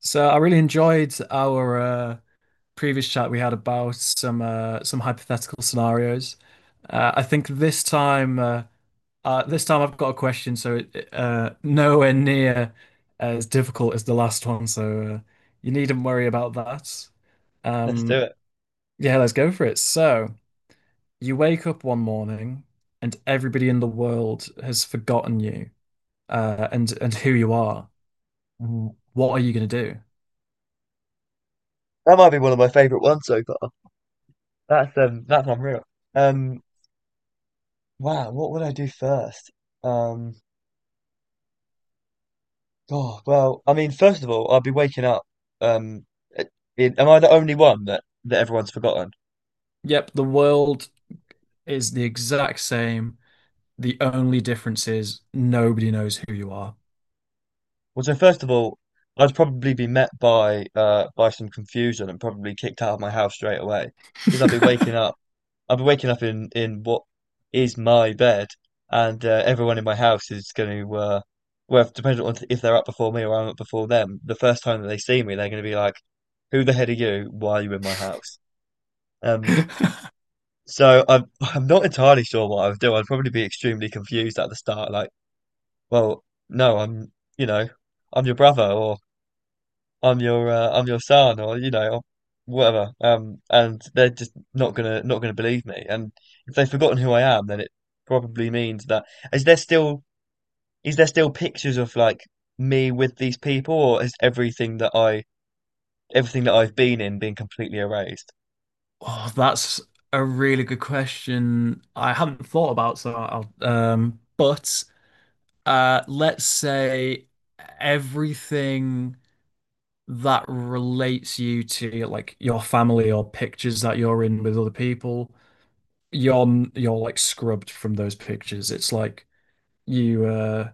So I really enjoyed our previous chat we had about some hypothetical scenarios. I think this time I've got a question, so it, nowhere near as difficult as the last one. So you needn't worry about that. Let's do Um, it. yeah, let's go for it. So you wake up one morning and everybody in the world has forgotten you and who you are. What are you going to do? That might be one of my favorite ones so far. That's unreal. Um, wow, what would I do first? Um, oh, well, I mean, first of all, I'd be waking up. Um, in, am I the only one that everyone's forgotten? Yep, the world is the exact same. The only difference is nobody knows who you are. Well, so first of all, I'd probably be met by some confusion and probably kicked out of my house straight away because I'll be waking up in what is my bed, and everyone in my house is going to, well, depending on if they're up before me or I'm up before them, the first time that they see me, they're going to be like, "Who the heck are you? Why are you in my house?" Um, so I'm I'm not entirely sure what I would do. I'd probably be extremely confused at the start, like, "Well, no, I'm, you know, I'm your brother," or I'm your son or you know or whatever and they're just not gonna believe me. And if they've forgotten who I am, then it probably means that is there still is there still pictures of like me with these people, or is everything that I've been in being completely erased? Oh, that's a really good question. I haven't thought about, so but let's say everything that relates you to like your family or pictures that you're in with other people, you're like scrubbed from those pictures. It's like you.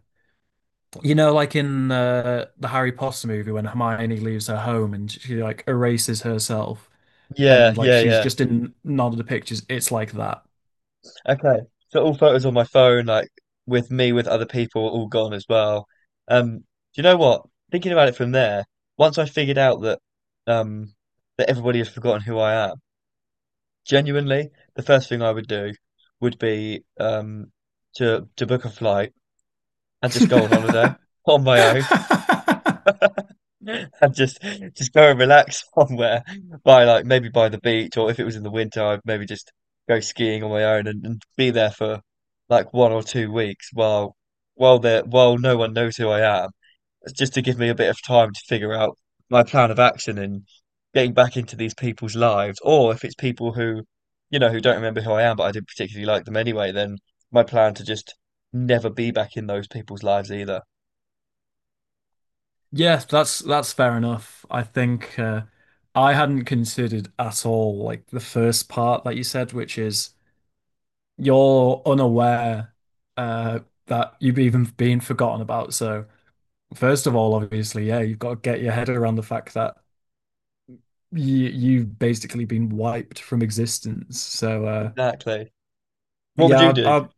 You know, like in the Harry Potter movie when Hermione leaves her home and she like erases herself, Yeah, and like yeah, she's yeah. just in none of the pictures. It's like that. Okay. So all photos on my phone, like with me, with other people, all gone as well. Do you know what? Thinking about it from there, once I figured out that um that everybody has forgotten who I am, genuinely, the first thing I would do would be to book a flight and just go on holiday on my own. And just go and relax somewhere, by like maybe by the beach, or if it was in the winter I'd maybe just go skiing on my own, and be there for like 1 or 2 weeks while there while no one knows who I am, just to give me a bit of time to figure out my plan of action and getting back into these people's lives, or if it's people who you know who don't remember who I am, but I didn't particularly like them anyway, then my plan to just never be back in those people's lives either. Yeah, that's fair enough. I think I hadn't considered at all like the first part that you said, which is you're unaware uh, that you've even been forgotten about. So first of all, obviously, yeah, you've got to get your head around the fact that you've basically been wiped from existence. So Exactly. What would you yeah, do? I,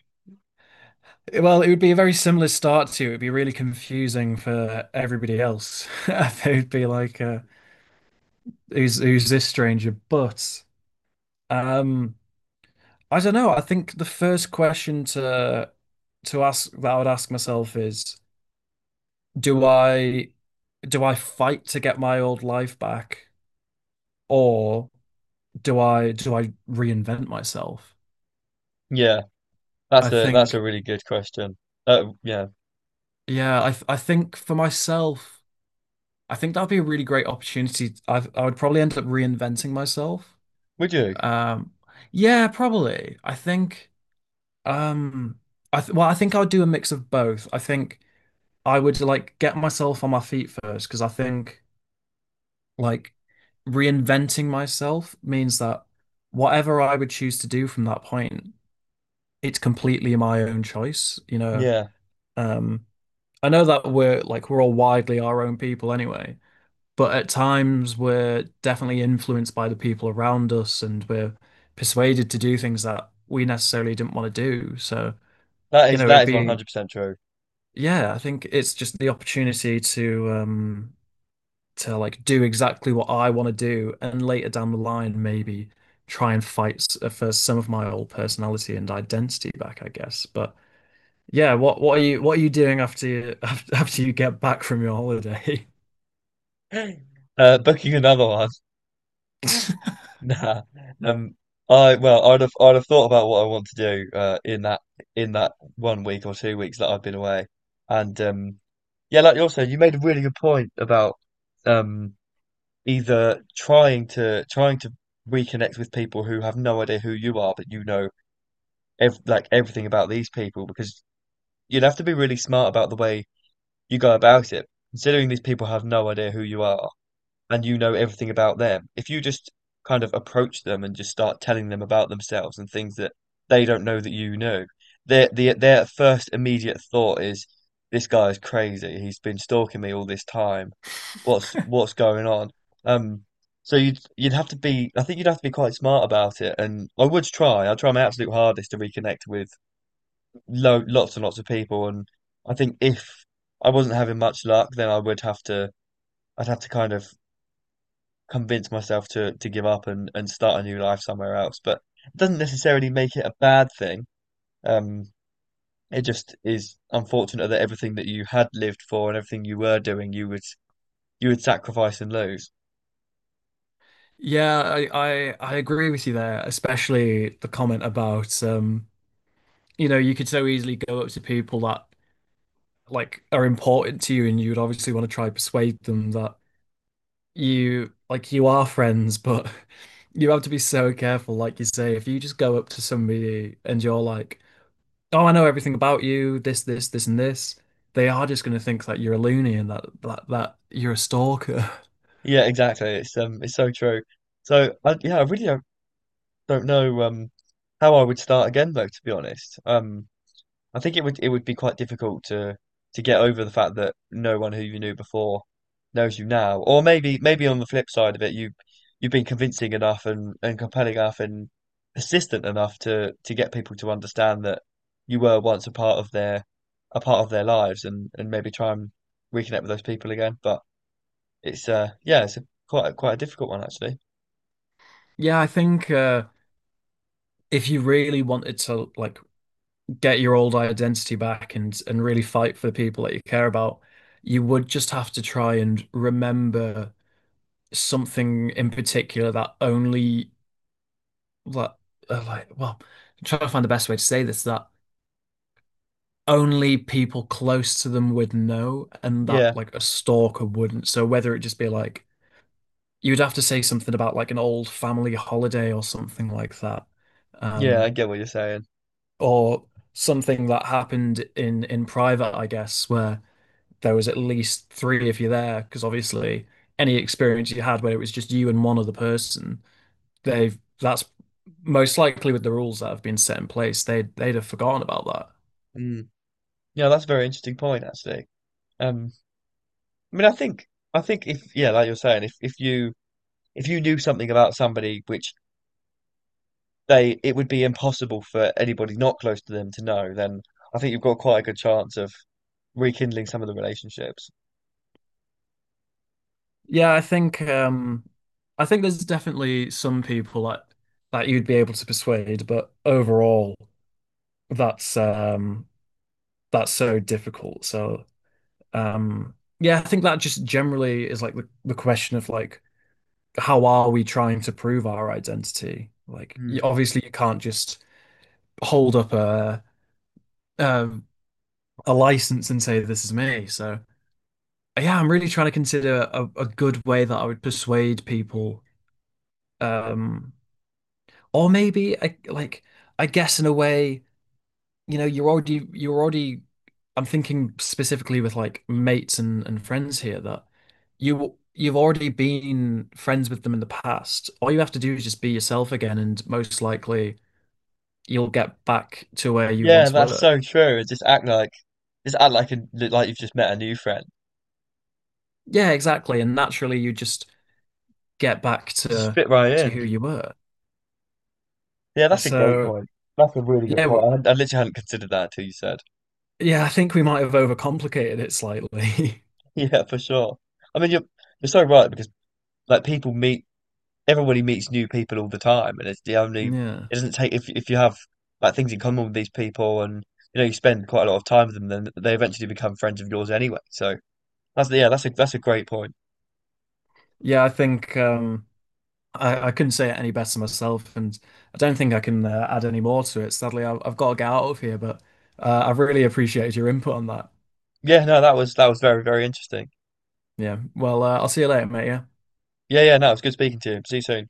I, well, it would be a very similar start to you. It'd be really confusing for everybody else. They'd be like, "Who's this stranger?" But um, I don't know. I think the first question to ask that I would ask myself is, do I do I fight to get my old life back, or do I reinvent myself? Yeah, I that's a think really good question. Yeah, yeah, I think for myself, I think that'd be a really great opportunity. I would probably end up reinventing myself. would you? Um yeah, probably. I think um I th well, I think I would do a mix of both. I think I would like get myself on my feet first because I think like reinventing myself means that whatever I would choose to do from that point, it's completely my own choice, you know. Yeah, Um, I know that we're like we're all widely our own people anyway, but at times we're definitely influenced by the people around us and we're persuaded to do things that we necessarily didn't want to do. So, you know, it'd that is one be hundred percent true. yeah, I think it's just the opportunity to like do exactly what I want to do, and later down the line, maybe try and fight for some of my old personality and identity back, I guess. But yeah, what are you doing after you after you get back from your holiday? Booking another one. Nah. Um, I well, I'd have thought about what I want to do in that 1 week or 2 weeks that I've been away, and yeah, like you also you made a really good point about um, either trying to reconnect with people who have no idea who you are, but you know ev like everything about these people, because you'd have to be really smart about the way you go about it. Considering these people have no idea who you are and you know everything about them, if you just kind of approach them and just start telling them about themselves and things that they don't know that you know, their first immediate thought is, "This guy is crazy. He's been stalking me all this time. What's going on?" Um, so you'd have to be, I think you'd have to be quite smart about it, and I would try. I'd try my absolute hardest to reconnect with lo lots and lots of people. And I think if I wasn't having much luck, then I'd have to kind of convince myself to give up and start a new life somewhere else. But it doesn't necessarily make it a bad thing. Um, it just is unfortunate that everything that you had lived for and everything you were doing, you would sacrifice and lose. Yeah, I agree with you there, especially the comment about you know, you could so easily go up to people that like are important to you and you would obviously want to try to persuade them that you like you are friends, but you have to be so careful. Like you say, if you just go up to somebody and you're like, "Oh, I know everything about you, this, and this," they are just going to think that you're a loony and that you're a stalker. Yeah, exactly. It's so true. So I, yeah, I really don't know how I would start again though, to be honest. I think it would be quite difficult to get over the fact that no one who you knew before knows you now. Or maybe maybe on the flip side of it, you you've been convincing enough, and compelling enough, and persistent enough to get people to understand that you were once a part of their a part of their lives, and maybe try and reconnect with those people again. But it's yeah, it's quite quite a difficult one actually. Yeah, I think if you really wanted to like get your old identity back and really fight for the people that you care about, you would just have to try and remember something in particular that only like like well, I'm trying to find the best way to say this, that only people close to them would know and that Yeah, like a stalker wouldn't. So whether it just be like you'd have to say something about like an old family holiday or something like that. yeah, I Um get what you're saying. or something that happened in private, I guess, where there was at least three of you there, because obviously any experience you had where it was just you and one other person, they've that's most likely, with the rules that have been set in place, they'd have forgotten about that. Mm. Yeah, that's a very interesting point actually. Um, I mean, I think if yeah, like you're saying, if you knew something about somebody which they it would be impossible for anybody not close to them to know, then I think you've got quite a good chance of rekindling some of the relationships. Yeah, I think there's definitely some people that you'd be able to persuade, but overall that's that's so difficult. So um yeah, I think that just generally is like the question of like, how are we trying to prove our identity? Like Hmm. you, obviously you can't just hold up um a license and say this is me. So yeah, I'm really trying to consider a good way that I would persuade people. um Or maybe I like I guess in a way, you know, you're already I'm thinking specifically with like mates and friends here that you've already been friends with them in the past. All you have to do is just be yourself again, and most likely you'll get back to where you Yeah, once that's were. so true. Just act like like you've just met a new friend. Yeah, exactly. And naturally you just get back Just to fit right in. who you were. Yeah, that's a great So point. That's a really good yeah, point. Hadn't- I literally hadn't considered that until you said. yeah, I think we might have overcomplicated it slightly. Yeah, for sure. I mean, you're so right because like people meet everybody meets new people all the time, and it's the only. Yeah. It doesn't take if you have like things in common with these people, and you know you spend quite a lot of time with them, then they eventually become friends of yours anyway. So that's yeah, that's a great point. Yeah, I think I couldn't say it any better myself, and I don't think I can add any more to it. Sadly, I've got to get out of here, but I've really appreciated your input on that. Yeah, no, that was very very interesting. Yeah. Well, I'll see you later, mate. Yeah. Yeah, yeah, no, it was good speaking to you. See you soon.